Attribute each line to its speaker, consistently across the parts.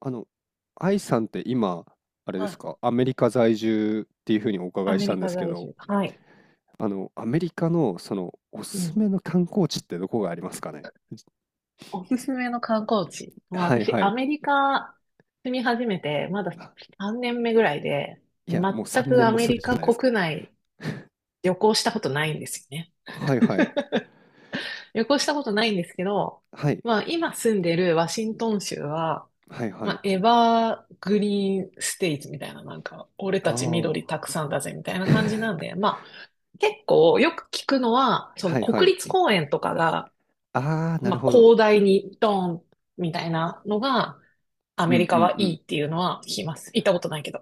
Speaker 1: あの、愛さんって今、あれで
Speaker 2: は
Speaker 1: す
Speaker 2: い。
Speaker 1: か、アメリカ在住っていうふうにお
Speaker 2: ア
Speaker 1: 伺いし
Speaker 2: メ
Speaker 1: た
Speaker 2: リ
Speaker 1: んで
Speaker 2: カ
Speaker 1: すけ
Speaker 2: 在
Speaker 1: ど、
Speaker 2: 住。はい。
Speaker 1: アメリカのそのお
Speaker 2: う
Speaker 1: すす
Speaker 2: ん。
Speaker 1: めの観光地ってどこがありますかねじ
Speaker 2: おすすめの観光地。まあ、
Speaker 1: はい
Speaker 2: 私、
Speaker 1: は
Speaker 2: ア
Speaker 1: い。
Speaker 2: メリカ住み始めて、まだ
Speaker 1: あ
Speaker 2: 3年目ぐらいで、
Speaker 1: いや、
Speaker 2: 全
Speaker 1: もう3
Speaker 2: く
Speaker 1: 年
Speaker 2: ア
Speaker 1: も住
Speaker 2: メ
Speaker 1: んでる
Speaker 2: リ
Speaker 1: じゃ
Speaker 2: カ
Speaker 1: ないですか。
Speaker 2: 国内旅行したことないんですよね。
Speaker 1: はいはい。
Speaker 2: 旅行したことないんですけど、
Speaker 1: はい。
Speaker 2: まあ、今住んでるワシントン州は、
Speaker 1: はいは
Speaker 2: ま
Speaker 1: い。
Speaker 2: あ、エバーグリーンステイツみたいな、なんか、俺
Speaker 1: あ
Speaker 2: たち緑
Speaker 1: あ。
Speaker 2: たくさんだぜみたいな感じなんで、まあ、結構よく聞くのは、その
Speaker 1: はいはい。
Speaker 2: 国立公園とかが
Speaker 1: ああ、な
Speaker 2: ま
Speaker 1: る
Speaker 2: あ、
Speaker 1: ほど。
Speaker 2: 広大にドーンみたいなのが、ア
Speaker 1: う
Speaker 2: メリ
Speaker 1: んう
Speaker 2: カ
Speaker 1: ん
Speaker 2: は
Speaker 1: う
Speaker 2: いい
Speaker 1: ん。
Speaker 2: っていうのは聞きます。行ったことないけど。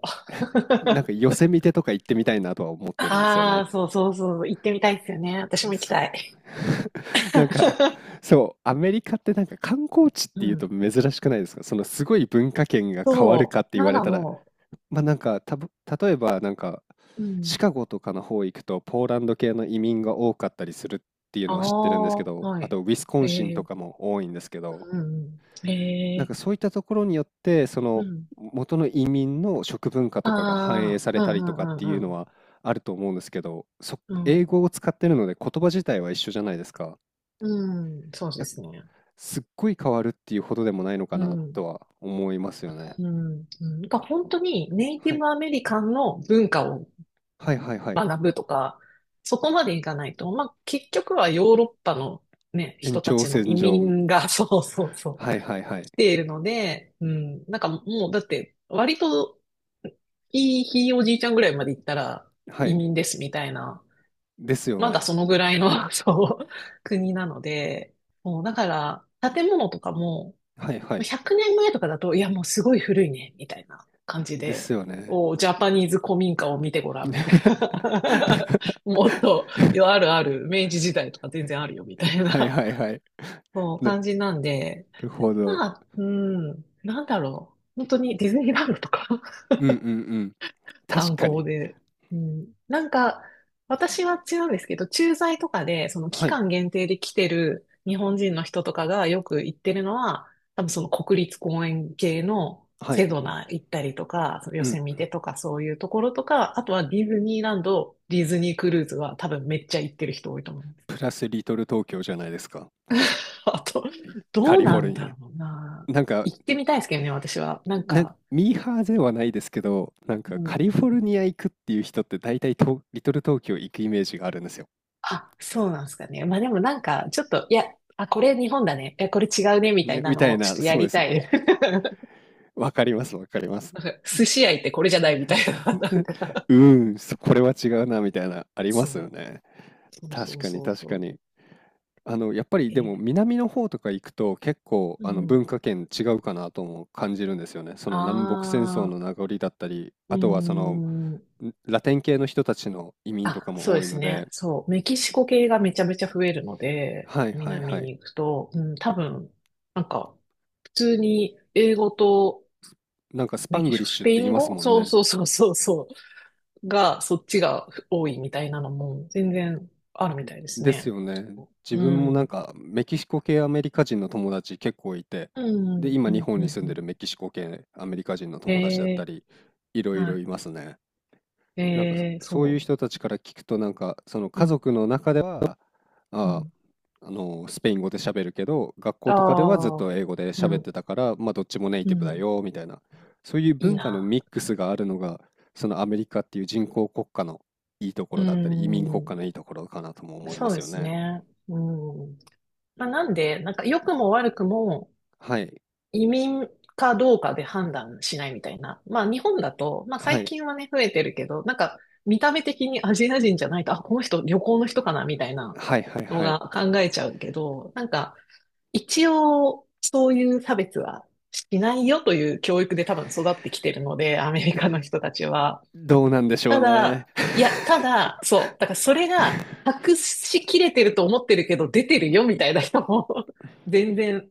Speaker 1: なん かヨセミテとか行ってみたいなとは思ってるんですよ
Speaker 2: あ
Speaker 1: ね。
Speaker 2: あ、そうそうそう、行ってみたいですよね。私も行きたい。
Speaker 1: なんか、そう、アメリカってなんか観光地っ
Speaker 2: う
Speaker 1: ていう
Speaker 2: ん。
Speaker 1: と珍しくないですか？そのすごい文化圏が変わる
Speaker 2: そ
Speaker 1: かって
Speaker 2: う。
Speaker 1: 言
Speaker 2: な
Speaker 1: わ
Speaker 2: ん
Speaker 1: れ
Speaker 2: か
Speaker 1: たら、
Speaker 2: も
Speaker 1: まあなんか、例えばなんか、
Speaker 2: う、う
Speaker 1: シ
Speaker 2: ん。
Speaker 1: カゴとかの方行くとポーランド系の移民が多かったりするっていう
Speaker 2: あ
Speaker 1: のは知ってるんですけ
Speaker 2: あ、
Speaker 1: ど、
Speaker 2: は
Speaker 1: あ
Speaker 2: い。
Speaker 1: とウィスコ
Speaker 2: え
Speaker 1: ンシンと
Speaker 2: え、
Speaker 1: かも多いんですけど、
Speaker 2: うん、うん。え
Speaker 1: なんか
Speaker 2: え、
Speaker 1: そういったところによって、そ
Speaker 2: う
Speaker 1: の
Speaker 2: ん。
Speaker 1: 元の移民の食文化とかが反映
Speaker 2: ああ、
Speaker 1: され
Speaker 2: う
Speaker 1: たりと
Speaker 2: ん、う
Speaker 1: かってい
Speaker 2: ん、う
Speaker 1: うの
Speaker 2: ん、
Speaker 1: はあると思うんですけど、
Speaker 2: う
Speaker 1: 英
Speaker 2: ん。
Speaker 1: 語を使ってるので言葉自体は一緒じゃないですか。
Speaker 2: うん、うんそうですね。
Speaker 1: すっごい変わるっていうほどでもないのか
Speaker 2: う
Speaker 1: な
Speaker 2: ん、
Speaker 1: とは思いますよね。
Speaker 2: うん、うん。なんか本当にネイテ
Speaker 1: は
Speaker 2: ィ
Speaker 1: い。
Speaker 2: ブアメリカンの文化を
Speaker 1: はいはいはい。
Speaker 2: 学ぶとか、そこまでいかないと、まあ、結局はヨーロッパのね、
Speaker 1: 延
Speaker 2: 人た
Speaker 1: 長
Speaker 2: ちの
Speaker 1: 線
Speaker 2: 移
Speaker 1: 上。
Speaker 2: 民が、そうそうそう、
Speaker 1: はいはいはい。
Speaker 2: 来ているので、うん、なんかもう、だって、割と、いいひいおじいちゃんぐらいまで行ったら
Speaker 1: は
Speaker 2: 移
Speaker 1: い。
Speaker 2: 民ですみたいな、
Speaker 1: ですよ
Speaker 2: まだ
Speaker 1: ね。
Speaker 2: そのぐらいの、そう、国なので、もうだから、建物とかも、
Speaker 1: はいはい。
Speaker 2: 100年前とかだと、いや、もうすごい古いね、みたいな感じ
Speaker 1: です
Speaker 2: で、
Speaker 1: よね。
Speaker 2: お、ジャパニーズ古民家を見てごらん、みたい な。もっと、いやあるある、明治時代とか全然あるよ、みたい
Speaker 1: はい
Speaker 2: な、
Speaker 1: はいはい。
Speaker 2: そう、
Speaker 1: な
Speaker 2: 感じなんで、
Speaker 1: るほど。
Speaker 2: まあ、うん、なんだろう。本当にディズニーランドとか
Speaker 1: うんうんうん。確
Speaker 2: 観
Speaker 1: か
Speaker 2: 光
Speaker 1: に。
Speaker 2: で。うん、なんか、私は違うんですけど、駐在とかで、その期
Speaker 1: はい。
Speaker 2: 間限定で来てる日本人の人とかがよく行ってるのは、多分その国立公園系の
Speaker 1: はい。
Speaker 2: セドナ行ったりとか、そのヨ
Speaker 1: うん。
Speaker 2: セミテとかそういうところとか、あとはディズニーランド、ディズニークルーズは多分めっちゃ行ってる人多いと思うんです。
Speaker 1: プラスリトル東京じゃないですか。
Speaker 2: あと、
Speaker 1: いカ
Speaker 2: どう
Speaker 1: リフォ
Speaker 2: な
Speaker 1: ル
Speaker 2: ん
Speaker 1: ニ
Speaker 2: だ
Speaker 1: ア。
Speaker 2: ろうな。
Speaker 1: なんか
Speaker 2: 行ってみたいですけどね、私は。なん
Speaker 1: なんか
Speaker 2: か、
Speaker 1: ミーハーではないですけど、なん
Speaker 2: う
Speaker 1: かカ
Speaker 2: ん
Speaker 1: リフォルニア行くっていう人って大体東リトル東京行くイメージがあるんですよ。
Speaker 2: あ、そうなんですかね。まあでもなんか、ちょっと、いや、あ、これ日本だね。え、これ違うね、みた
Speaker 1: ね、
Speaker 2: いな
Speaker 1: みた
Speaker 2: の
Speaker 1: い
Speaker 2: をちょっ
Speaker 1: な、
Speaker 2: とや
Speaker 1: そうで
Speaker 2: り
Speaker 1: す。
Speaker 2: たい。
Speaker 1: わかります、わかります。
Speaker 2: 寿司屋行ってこれじゃないみたいな。なん か、
Speaker 1: うーん、そこれは違うな、みたいな、ありますよ
Speaker 2: そう。
Speaker 1: ね。
Speaker 2: そう
Speaker 1: 確
Speaker 2: そう
Speaker 1: かに、
Speaker 2: そう
Speaker 1: 確
Speaker 2: そ
Speaker 1: か
Speaker 2: う。
Speaker 1: に。やっぱりで
Speaker 2: え、
Speaker 1: も南の方とか行くと結構
Speaker 2: う
Speaker 1: あの
Speaker 2: ん。
Speaker 1: 文化圏違うかなとも感じるんですよね。その南北戦争
Speaker 2: ああ、
Speaker 1: の名残だったり、
Speaker 2: う
Speaker 1: あ
Speaker 2: ー
Speaker 1: とはその
Speaker 2: ん。
Speaker 1: ラテン系の人たちの移民と
Speaker 2: あ、
Speaker 1: か
Speaker 2: そ
Speaker 1: も
Speaker 2: うで
Speaker 1: 多い
Speaker 2: す
Speaker 1: の
Speaker 2: ね。
Speaker 1: で、
Speaker 2: そう。メキシコ系がめちゃめちゃ増えるので、
Speaker 1: はいはい
Speaker 2: 南
Speaker 1: は
Speaker 2: に
Speaker 1: い。
Speaker 2: 行くと、うん、多分、なんか、普通に英語と
Speaker 1: なんかスパ
Speaker 2: メ
Speaker 1: ン
Speaker 2: キ
Speaker 1: グ
Speaker 2: シ
Speaker 1: リ
Speaker 2: コ、
Speaker 1: ッ
Speaker 2: ス
Speaker 1: シュっ
Speaker 2: ペイ
Speaker 1: て言い
Speaker 2: ン
Speaker 1: ます
Speaker 2: 語
Speaker 1: もん
Speaker 2: そう
Speaker 1: ね。
Speaker 2: そうそうそうそう。が、そっちが多いみたいなのも全然あるみたいです
Speaker 1: です
Speaker 2: ね。
Speaker 1: よね。自
Speaker 2: う
Speaker 1: 分もなん
Speaker 2: ん。
Speaker 1: かメキシコ系アメリカ人の友達結構いて、
Speaker 2: う
Speaker 1: で、
Speaker 2: ん、
Speaker 1: 今
Speaker 2: う
Speaker 1: 日
Speaker 2: ん、
Speaker 1: 本
Speaker 2: う
Speaker 1: に
Speaker 2: ん、
Speaker 1: 住ん
Speaker 2: うん。
Speaker 1: で
Speaker 2: う
Speaker 1: るメキシコ系アメリカ人の
Speaker 2: ん
Speaker 1: 友達だった
Speaker 2: え
Speaker 1: り、いろ
Speaker 2: ー、
Speaker 1: いろ
Speaker 2: は
Speaker 1: いますね。
Speaker 2: い。
Speaker 1: なんか
Speaker 2: えー、
Speaker 1: そういう
Speaker 2: そ
Speaker 1: 人たちから聞くとなんかその
Speaker 2: う。う
Speaker 1: 家
Speaker 2: ん、
Speaker 1: 族の中では、
Speaker 2: う
Speaker 1: あ、
Speaker 2: ん。
Speaker 1: スペイン語で喋るけど学校とかではずっ
Speaker 2: ああ、
Speaker 1: と英語で
Speaker 2: う
Speaker 1: 喋って
Speaker 2: ん、
Speaker 1: たからまあどっちもネイ
Speaker 2: う
Speaker 1: ティブだ
Speaker 2: ん。
Speaker 1: よみたいな、そういう
Speaker 2: いい
Speaker 1: 文化の
Speaker 2: な。
Speaker 1: ミックスがあるのがそのアメリカっていう人工国家のいいとこ
Speaker 2: う
Speaker 1: ろだったり移民国家
Speaker 2: ん。
Speaker 1: のいいところかなとも思いま
Speaker 2: そう
Speaker 1: す
Speaker 2: で
Speaker 1: よ
Speaker 2: す
Speaker 1: ね。
Speaker 2: ね。うん。まあ、なんで、なんか良くも悪くも、
Speaker 1: はい
Speaker 2: 移民かどうかで判断しないみたいな。まあ日本だと、まあ
Speaker 1: は
Speaker 2: 最
Speaker 1: い
Speaker 2: 近はね、増えてるけど、なんか見た目的にアジア人じゃないと、あ、この人旅行の人かなみたいな
Speaker 1: はいはい
Speaker 2: の
Speaker 1: はい。
Speaker 2: が考えちゃうけど、なんか一応そういう差別はしないよという教育で多分育ってきてるので、アメリカの人たちは。
Speaker 1: どうなんでしょう
Speaker 2: た
Speaker 1: ね。
Speaker 2: だ、いや、ただ、そう、だからそれが隠しきれてると思ってるけど出てるよみたいな人も 全然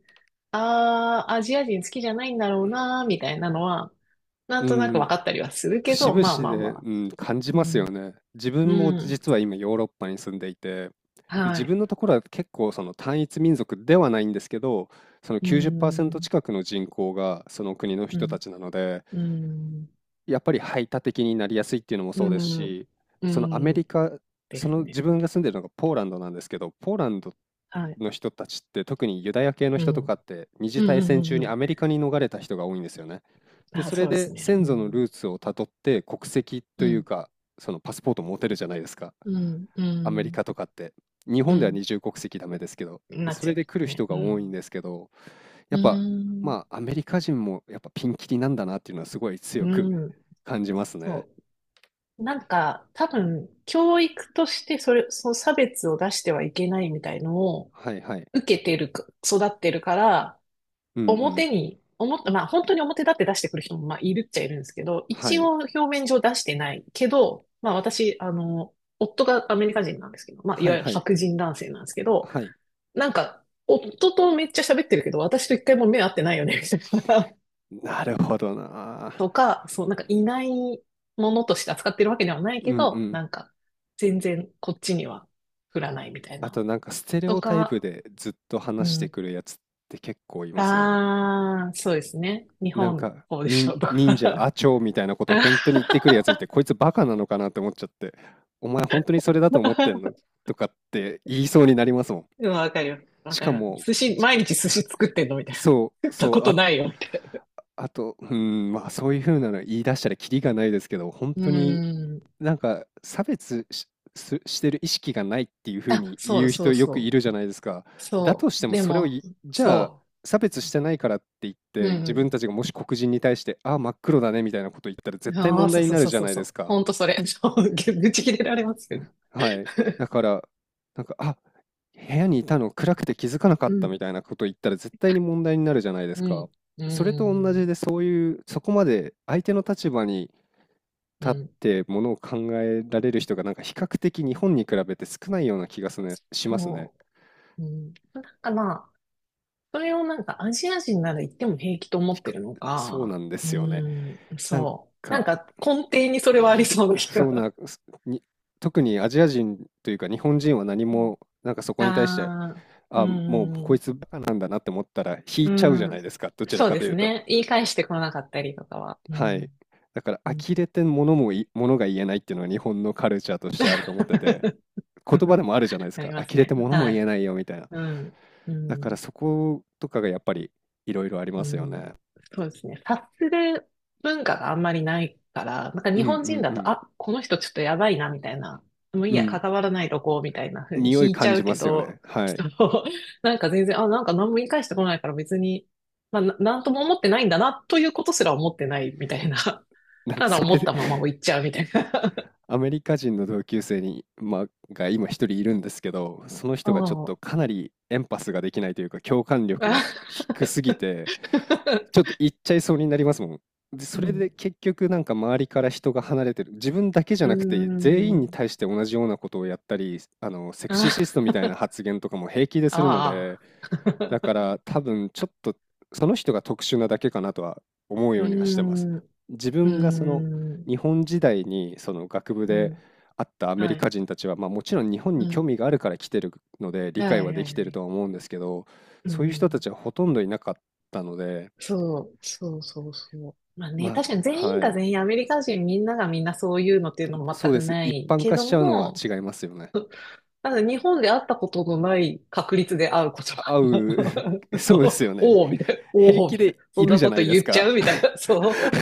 Speaker 2: ああ、アジア人好きじゃないんだろうな、みたいなのは、なん
Speaker 1: う
Speaker 2: となく分
Speaker 1: ん、
Speaker 2: かったりはするけ
Speaker 1: 節
Speaker 2: ど、まあ
Speaker 1: 々
Speaker 2: まあま
Speaker 1: で、
Speaker 2: あ。
Speaker 1: うん、感じ
Speaker 2: う
Speaker 1: ますよ
Speaker 2: ん。
Speaker 1: ね。自
Speaker 2: う
Speaker 1: 分も
Speaker 2: ん。
Speaker 1: 実は今ヨーロッパに住んでいて、で、
Speaker 2: は
Speaker 1: 自
Speaker 2: い。
Speaker 1: 分のところは結構その単一民族ではないんですけど、その
Speaker 2: う
Speaker 1: 90%
Speaker 2: ん。
Speaker 1: 近くの人口がその国の
Speaker 2: う
Speaker 1: 人た
Speaker 2: ん。
Speaker 1: ちなので、
Speaker 2: うん。
Speaker 1: やっぱり排他的になりやすいっていうのも
Speaker 2: う
Speaker 1: そうです
Speaker 2: ん。
Speaker 1: し、
Speaker 2: う
Speaker 1: そのアメ
Speaker 2: ん
Speaker 1: リカ、
Speaker 2: で
Speaker 1: そ
Speaker 2: す
Speaker 1: の自
Speaker 2: ね。
Speaker 1: 分が住んでるのがポーランドなんですけど、ポーランド
Speaker 2: はい。
Speaker 1: の人たちって特にユダヤ系の
Speaker 2: う
Speaker 1: 人と
Speaker 2: ん。
Speaker 1: かって二次
Speaker 2: う
Speaker 1: 大
Speaker 2: ん。
Speaker 1: 戦中
Speaker 2: うん。
Speaker 1: に
Speaker 2: う
Speaker 1: アメリカに逃れた人が多いんですよね。
Speaker 2: ん。
Speaker 1: で、
Speaker 2: あ、
Speaker 1: それ
Speaker 2: そうで
Speaker 1: で
Speaker 2: すね。う
Speaker 1: 先祖の
Speaker 2: ん。
Speaker 1: ルーツをたどって国籍と
Speaker 2: う
Speaker 1: いう
Speaker 2: ん。
Speaker 1: かそのパスポート持てるじゃないですか。
Speaker 2: うん。う
Speaker 1: アメリカ
Speaker 2: ん。
Speaker 1: とかって。日
Speaker 2: う
Speaker 1: 本では
Speaker 2: ん。
Speaker 1: 二重国籍ダメですけど、で
Speaker 2: なっ
Speaker 1: そ
Speaker 2: ちゃ
Speaker 1: れ
Speaker 2: いま
Speaker 1: で
Speaker 2: す
Speaker 1: 来る人
Speaker 2: ね。
Speaker 1: が
Speaker 2: う
Speaker 1: 多いん
Speaker 2: ん。
Speaker 1: ですけど、や
Speaker 2: う
Speaker 1: っぱ
Speaker 2: ん。
Speaker 1: まあアメリカ人もやっぱピンキリなんだなっていうのはすごい強く
Speaker 2: う ん。
Speaker 1: 感じますね。
Speaker 2: そう。なんか、多分、教育としてそれ、その差別を出してはいけないみたいのを
Speaker 1: はいはい。
Speaker 2: 受けてるか、育ってるから、
Speaker 1: うんうん。
Speaker 2: 表に、表、まあ本当に表立って出してくる人もまあいるっちゃいるんですけど、
Speaker 1: は
Speaker 2: 一
Speaker 1: い。
Speaker 2: 応表面上出してないけど、まあ私、夫がアメリカ人なんですけど、まあい
Speaker 1: は
Speaker 2: わ
Speaker 1: い
Speaker 2: ゆる
Speaker 1: はい。
Speaker 2: 白人男性なんですけど、
Speaker 1: はい。
Speaker 2: なんか、夫とめっちゃ喋ってるけど、私と一回も目合ってないよね、みたいな
Speaker 1: なるほどな。
Speaker 2: とか、そう、なんかいないものとして扱ってるわけではないけ
Speaker 1: うんう
Speaker 2: ど、な
Speaker 1: ん。
Speaker 2: んか全然こっちには降らないみたい
Speaker 1: あと
Speaker 2: な。
Speaker 1: なんかステレ
Speaker 2: と
Speaker 1: オタイプ
Speaker 2: か、
Speaker 1: でずっと
Speaker 2: う
Speaker 1: 話して
Speaker 2: ん。
Speaker 1: くるやつって結構いますよね。
Speaker 2: ああ、そうですね。日
Speaker 1: なん
Speaker 2: 本、
Speaker 1: か、
Speaker 2: こうでしょ
Speaker 1: 忍
Speaker 2: うとか。
Speaker 1: 忍者、アチョみたいなことを本当に言ってくるやついて、こいつバカなのかなって思っちゃって、お前本当にそれだと思ってんのとかって言いそうになりますもん。
Speaker 2: でもわかるよ。わ
Speaker 1: し
Speaker 2: か
Speaker 1: か
Speaker 2: るよ。
Speaker 1: も、
Speaker 2: 寿司、毎日寿司作ってんのみ たいな。
Speaker 1: そう、
Speaker 2: 食った
Speaker 1: そ
Speaker 2: こ
Speaker 1: う、あ
Speaker 2: と
Speaker 1: と、
Speaker 2: ないよ、みたい
Speaker 1: あと、うん、まあそういう風なの言い出したらキリがないですけど、本
Speaker 2: な。う
Speaker 1: 当に
Speaker 2: ん。
Speaker 1: なんか、差別してる意識がないっていう風
Speaker 2: あ、
Speaker 1: に
Speaker 2: そ
Speaker 1: 言
Speaker 2: う
Speaker 1: う
Speaker 2: そ
Speaker 1: 人
Speaker 2: う
Speaker 1: よ
Speaker 2: そ
Speaker 1: くい
Speaker 2: う。
Speaker 1: るじゃないですか。だと
Speaker 2: そ
Speaker 1: し
Speaker 2: う。
Speaker 1: ても
Speaker 2: で
Speaker 1: それを
Speaker 2: も、
Speaker 1: じゃあ、
Speaker 2: そ
Speaker 1: 差別してないからって言っ
Speaker 2: う。う
Speaker 1: て、自分
Speaker 2: ん。
Speaker 1: たちがもし黒人に対して、ああ、真っ黒だねみたいなこと言ったら絶対
Speaker 2: ああ、
Speaker 1: 問
Speaker 2: そ
Speaker 1: 題
Speaker 2: う
Speaker 1: に
Speaker 2: そう
Speaker 1: なる
Speaker 2: そう
Speaker 1: じゃ
Speaker 2: そう
Speaker 1: ない
Speaker 2: そ
Speaker 1: です
Speaker 2: う。
Speaker 1: か。
Speaker 2: ほんとそれ。ち愚痴切れられますよね。
Speaker 1: はい。だから、なんか、部屋にいたの暗くて気づかなか
Speaker 2: う
Speaker 1: った
Speaker 2: ん、
Speaker 1: みたいなこと言ったら絶対に問題になるじゃないです
Speaker 2: う
Speaker 1: か。
Speaker 2: ん、
Speaker 1: それと同
Speaker 2: う
Speaker 1: じで、
Speaker 2: ん、
Speaker 1: そういう、そこまで相手の立場に
Speaker 2: う
Speaker 1: 立っ
Speaker 2: ん、
Speaker 1: てものを考えられる人がなんか比較的日本に比べて少ないような気がすね、しますね。
Speaker 2: そう、うん。なんかまあ、それをなんかアジア人なら言っても平気と思
Speaker 1: 比
Speaker 2: って
Speaker 1: 較
Speaker 2: るの
Speaker 1: そうな
Speaker 2: か、
Speaker 1: んで
Speaker 2: う
Speaker 1: すよね。
Speaker 2: ん、
Speaker 1: なん
Speaker 2: そう。なん
Speaker 1: か
Speaker 2: か根底にそれはありそうな 気
Speaker 1: そう
Speaker 2: が。
Speaker 1: な、すに特にアジア人というか日本人は何 もなんかそこに対して、
Speaker 2: ああー、う
Speaker 1: もうこい
Speaker 2: ん、
Speaker 1: つバカなんだなって思ったら引
Speaker 2: う
Speaker 1: いちゃうじゃな
Speaker 2: ん。
Speaker 1: いですか、どちら
Speaker 2: そう
Speaker 1: か
Speaker 2: で
Speaker 1: とい
Speaker 2: す
Speaker 1: うと。
Speaker 2: ね。言い返してこなかったりとかは。う
Speaker 1: はい。
Speaker 2: ん、
Speaker 1: だから
Speaker 2: うん
Speaker 1: 呆れて物も言えないっていうのは日本のカルチャーとしてあると思ってて、言葉でもあるじゃないです
Speaker 2: あり
Speaker 1: か。
Speaker 2: ます
Speaker 1: 呆れて
Speaker 2: ね。
Speaker 1: 物も
Speaker 2: は
Speaker 1: 言え
Speaker 2: い。
Speaker 1: ないよみたいな。
Speaker 2: うん、う
Speaker 1: だから
Speaker 2: ん。
Speaker 1: そことかがやっぱりいろいろあり
Speaker 2: う
Speaker 1: ますよ
Speaker 2: ん、
Speaker 1: ね。
Speaker 2: そうですね。察する文化があんまりないから、なんか
Speaker 1: う
Speaker 2: 日
Speaker 1: んう
Speaker 2: 本人
Speaker 1: ん
Speaker 2: だ
Speaker 1: う
Speaker 2: と、
Speaker 1: ん。
Speaker 2: あ、この人ちょっとやばいな、みたいな。もうい
Speaker 1: う
Speaker 2: いや、
Speaker 1: ん。
Speaker 2: 関わらないとこう、みたいな風に
Speaker 1: 匂い
Speaker 2: 引いち
Speaker 1: 感
Speaker 2: ゃ
Speaker 1: じ
Speaker 2: う
Speaker 1: ま
Speaker 2: け
Speaker 1: すよね。
Speaker 2: ど、
Speaker 1: はい。
Speaker 2: そうなんか全然、あ、なんか何も言い返してこないから別に、まあ、ななんとも思ってないんだな、ということすら思ってないみたいな。
Speaker 1: なんか
Speaker 2: た
Speaker 1: そ
Speaker 2: だ思っ
Speaker 1: れで
Speaker 2: たままを言っちゃうみたいな。
Speaker 1: アメリカ人の同級生まあ、が今一人いるんですけど、その 人がちょっと
Speaker 2: そ
Speaker 1: かなりエンパスができないというか共感
Speaker 2: う。
Speaker 1: 力が
Speaker 2: あ
Speaker 1: 低すぎて、ちょっ と言っちゃいそうになりますもん。で、
Speaker 2: う
Speaker 1: それ
Speaker 2: ん。
Speaker 1: で結局なんか周りから人が離れてる。自分だけじゃ
Speaker 2: うー
Speaker 1: なくて全員に
Speaker 2: ん。
Speaker 1: 対して同じようなことをやったり、セクシー
Speaker 2: あ
Speaker 1: シストみたいな 発言とかも平気でするので、
Speaker 2: ああ。
Speaker 1: だか ら多分ちょっとその人が特殊なだけかなとは思う
Speaker 2: う
Speaker 1: ようにはしてます。
Speaker 2: ーん。う
Speaker 1: 自
Speaker 2: ー
Speaker 1: 分がその
Speaker 2: ん。
Speaker 1: 日本時代にその学部
Speaker 2: う
Speaker 1: で
Speaker 2: ん。
Speaker 1: 会ったアメ
Speaker 2: は
Speaker 1: リ
Speaker 2: い。
Speaker 1: カ人たちは、まあ、もちろん日本
Speaker 2: う
Speaker 1: に興
Speaker 2: ん。
Speaker 1: 味があるから来てるので理
Speaker 2: は
Speaker 1: 解は
Speaker 2: いは
Speaker 1: でき
Speaker 2: い
Speaker 1: て
Speaker 2: は
Speaker 1: ると
Speaker 2: い。
Speaker 1: は思うんですけど、
Speaker 2: う
Speaker 1: そういう人た
Speaker 2: ん。
Speaker 1: ちはほとんどいなかったので、
Speaker 2: そう、そうそうそう。まあね、
Speaker 1: ま
Speaker 2: 確かに全
Speaker 1: あ、
Speaker 2: 員
Speaker 1: は
Speaker 2: が
Speaker 1: い。
Speaker 2: 全員アメリカ人みんながみんなそういうのっていうのも
Speaker 1: そ
Speaker 2: 全
Speaker 1: うで
Speaker 2: く
Speaker 1: す。
Speaker 2: な
Speaker 1: 一
Speaker 2: い
Speaker 1: 般
Speaker 2: け
Speaker 1: 化し
Speaker 2: ど
Speaker 1: ちゃうのは
Speaker 2: も、
Speaker 1: 違いますよね。
Speaker 2: ただ日本で会ったことのない確率で会うこと
Speaker 1: 会う
Speaker 2: が
Speaker 1: そうで
Speaker 2: そ
Speaker 1: す
Speaker 2: う、
Speaker 1: よ
Speaker 2: おお、
Speaker 1: ね。
Speaker 2: みたいな、
Speaker 1: 平
Speaker 2: おお、
Speaker 1: 気
Speaker 2: みたい
Speaker 1: で
Speaker 2: な、
Speaker 1: い
Speaker 2: そん
Speaker 1: る
Speaker 2: な
Speaker 1: じゃ
Speaker 2: こ
Speaker 1: な
Speaker 2: と
Speaker 1: いで
Speaker 2: 言
Speaker 1: す
Speaker 2: っち
Speaker 1: か。
Speaker 2: ゃうみたい な、そう。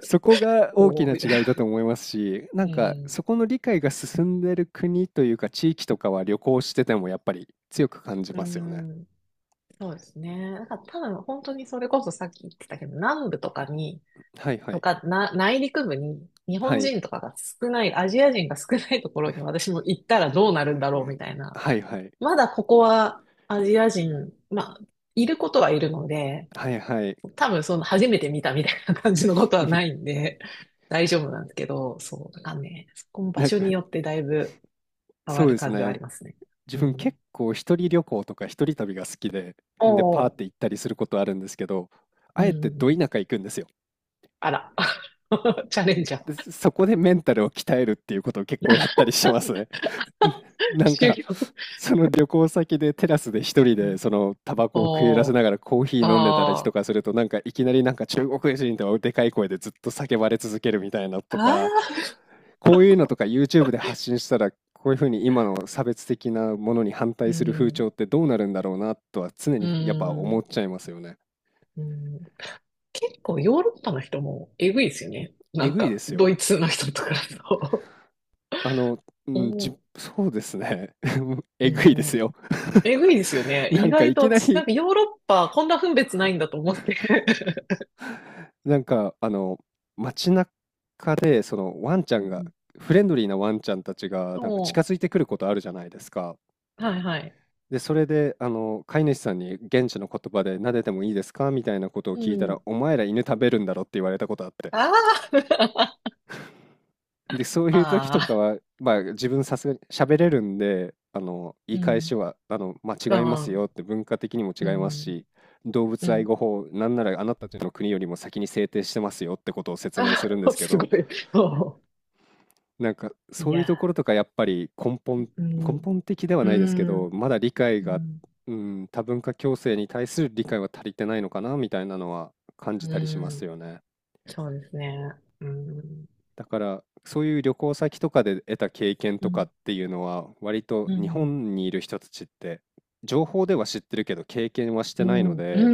Speaker 1: そこが 大
Speaker 2: お
Speaker 1: き
Speaker 2: お、
Speaker 1: な
Speaker 2: みたい
Speaker 1: 違いだ
Speaker 2: な。
Speaker 1: と思いますし、な
Speaker 2: う
Speaker 1: んか
Speaker 2: ん。
Speaker 1: そこの理解が進んでる国というか地域とかは旅行しててもやっぱり強く感じ
Speaker 2: う
Speaker 1: ますよね。
Speaker 2: ん。そうですね。だから多分本当にそれこそさっき言ってたけど、南部とかに、
Speaker 1: はいは
Speaker 2: と
Speaker 1: い。
Speaker 2: か、な、内陸部に日
Speaker 1: は
Speaker 2: 本
Speaker 1: い。
Speaker 2: 人とかが少ない、アジア人が少ないところに私も行ったらどうなるん
Speaker 1: え
Speaker 2: だろう
Speaker 1: ー
Speaker 2: みたいな。
Speaker 1: はいはい。
Speaker 2: まだここはアジア人、まあ、いることはいるので、
Speaker 1: はいはい。
Speaker 2: 多分その初めて見たみたいな感じのこと
Speaker 1: う
Speaker 2: は
Speaker 1: ん、
Speaker 2: ないんで、大丈夫なんですけど、そう、なんかね、そこも場
Speaker 1: なん
Speaker 2: 所
Speaker 1: か
Speaker 2: によってだいぶ変わ
Speaker 1: そう
Speaker 2: る
Speaker 1: です
Speaker 2: 感じはあり
Speaker 1: ね。
Speaker 2: ますね。
Speaker 1: 自
Speaker 2: う
Speaker 1: 分
Speaker 2: ん。
Speaker 1: 結構一人旅行とか一人旅が好きで、
Speaker 2: お
Speaker 1: で、パーっ
Speaker 2: お、
Speaker 1: て行ったりすることあるんですけど、
Speaker 2: う
Speaker 1: あえてど
Speaker 2: ん。
Speaker 1: 田舎行くんですよ。
Speaker 2: あら。チャレンジャー。
Speaker 1: で、そこでメンタルを鍛えるっていうことを結構やったりしてますね。なん
Speaker 2: 修
Speaker 1: か、
Speaker 2: 行。
Speaker 1: その旅行先でテラスで一人
Speaker 2: う
Speaker 1: で
Speaker 2: ん
Speaker 1: そのタバコを食い入らせ
Speaker 2: おー。
Speaker 1: ながらコーヒー飲んでたりと
Speaker 2: あー。
Speaker 1: かすると、なんかいきなりなんか中国人とはでかい声でずっと叫ばれ続けるみたいな
Speaker 2: あ
Speaker 1: とか、
Speaker 2: ー。
Speaker 1: こういうのとか YouTube で発信したらこういうふうに今の差別的なものに反
Speaker 2: う
Speaker 1: 対する風
Speaker 2: ん、
Speaker 1: 潮ってどうなるんだろうなとは常
Speaker 2: う
Speaker 1: にやっぱ思っ
Speaker 2: ん、
Speaker 1: ちゃいますよね。
Speaker 2: うん。結構ヨーロッパの人もえぐいですよね。な
Speaker 1: え
Speaker 2: ん
Speaker 1: ぐいで
Speaker 2: か、
Speaker 1: す
Speaker 2: ド
Speaker 1: よ。
Speaker 2: イツの人とかと。
Speaker 1: あの、うん、
Speaker 2: おー
Speaker 1: そうですね。
Speaker 2: う
Speaker 1: えぐいです
Speaker 2: ん、
Speaker 1: よ。
Speaker 2: えぐいですよ ね。
Speaker 1: な
Speaker 2: 意
Speaker 1: んか
Speaker 2: 外
Speaker 1: い
Speaker 2: と
Speaker 1: きな
Speaker 2: 私、なん
Speaker 1: り
Speaker 2: かヨーロッパこんな分別ないんだと思って。
Speaker 1: なんか、街中で、その、ワンちゃ
Speaker 2: う
Speaker 1: んが、
Speaker 2: ん。
Speaker 1: フレンドリーなワンちゃんたちが、なんか近
Speaker 2: そ
Speaker 1: づいてくることあるじゃないですか。
Speaker 2: う。はいはい。
Speaker 1: で、それで、飼い主さんに現地の言葉で、撫でてもいいですかみたいなことを
Speaker 2: う
Speaker 1: 聞いたら、
Speaker 2: ん。
Speaker 1: お前ら犬食べるんだろって言われたことあって。
Speaker 2: ああ。
Speaker 1: で、そういう時
Speaker 2: あ
Speaker 1: とかは、
Speaker 2: あ。
Speaker 1: まあ、自分さすがに喋れるんで、言
Speaker 2: う
Speaker 1: い返しは、ま
Speaker 2: ん。
Speaker 1: あ、違います
Speaker 2: あ
Speaker 1: よっ
Speaker 2: あ。
Speaker 1: て、文化的にも違
Speaker 2: う
Speaker 1: います
Speaker 2: ん。
Speaker 1: し、動
Speaker 2: う
Speaker 1: 物愛
Speaker 2: ん。
Speaker 1: 護法、なんならあなたたちの国よりも先に制定してますよってことを説明す
Speaker 2: あ
Speaker 1: るんで
Speaker 2: あ、
Speaker 1: すけ
Speaker 2: すご
Speaker 1: ど、
Speaker 2: い。そ
Speaker 1: なんか
Speaker 2: う。い
Speaker 1: そういう
Speaker 2: や。
Speaker 1: ところとかやっぱり根本、
Speaker 2: うん。
Speaker 1: 的では
Speaker 2: う
Speaker 1: ないですけど、
Speaker 2: ん。
Speaker 1: まだ理解
Speaker 2: う
Speaker 1: が、
Speaker 2: ん。
Speaker 1: うん、多文化共生に対する理解は足りてないのかなみたいなのは感じ
Speaker 2: う
Speaker 1: たりします
Speaker 2: ん。
Speaker 1: よね。
Speaker 2: そうですね。うん。
Speaker 1: だからそういう旅行先とかで得た経験
Speaker 2: う
Speaker 1: とか
Speaker 2: ん、
Speaker 1: っていうのは割と
Speaker 2: う
Speaker 1: 日
Speaker 2: ん、
Speaker 1: 本にいる人たちって情報では知ってるけど経験はして
Speaker 2: う
Speaker 1: ないの
Speaker 2: ん、う
Speaker 1: で、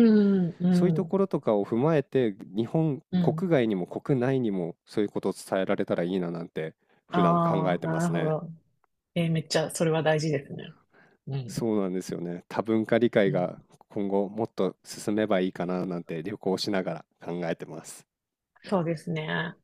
Speaker 2: ん、う
Speaker 1: そういうと
Speaker 2: ん、
Speaker 1: ころとかを踏まえて日本
Speaker 2: うん。
Speaker 1: 国外にも国内にもそういうことを伝えられたらいいななんて普段考え
Speaker 2: ああー、
Speaker 1: てま
Speaker 2: なる
Speaker 1: す
Speaker 2: ほ
Speaker 1: ね。
Speaker 2: ど。えーめっちゃ、それは大事ですね。うん、
Speaker 1: そうなんですよね。多文化理解
Speaker 2: うん。
Speaker 1: が今後もっと進めばいいかななんて旅行しながら考えてます。
Speaker 2: そうですね。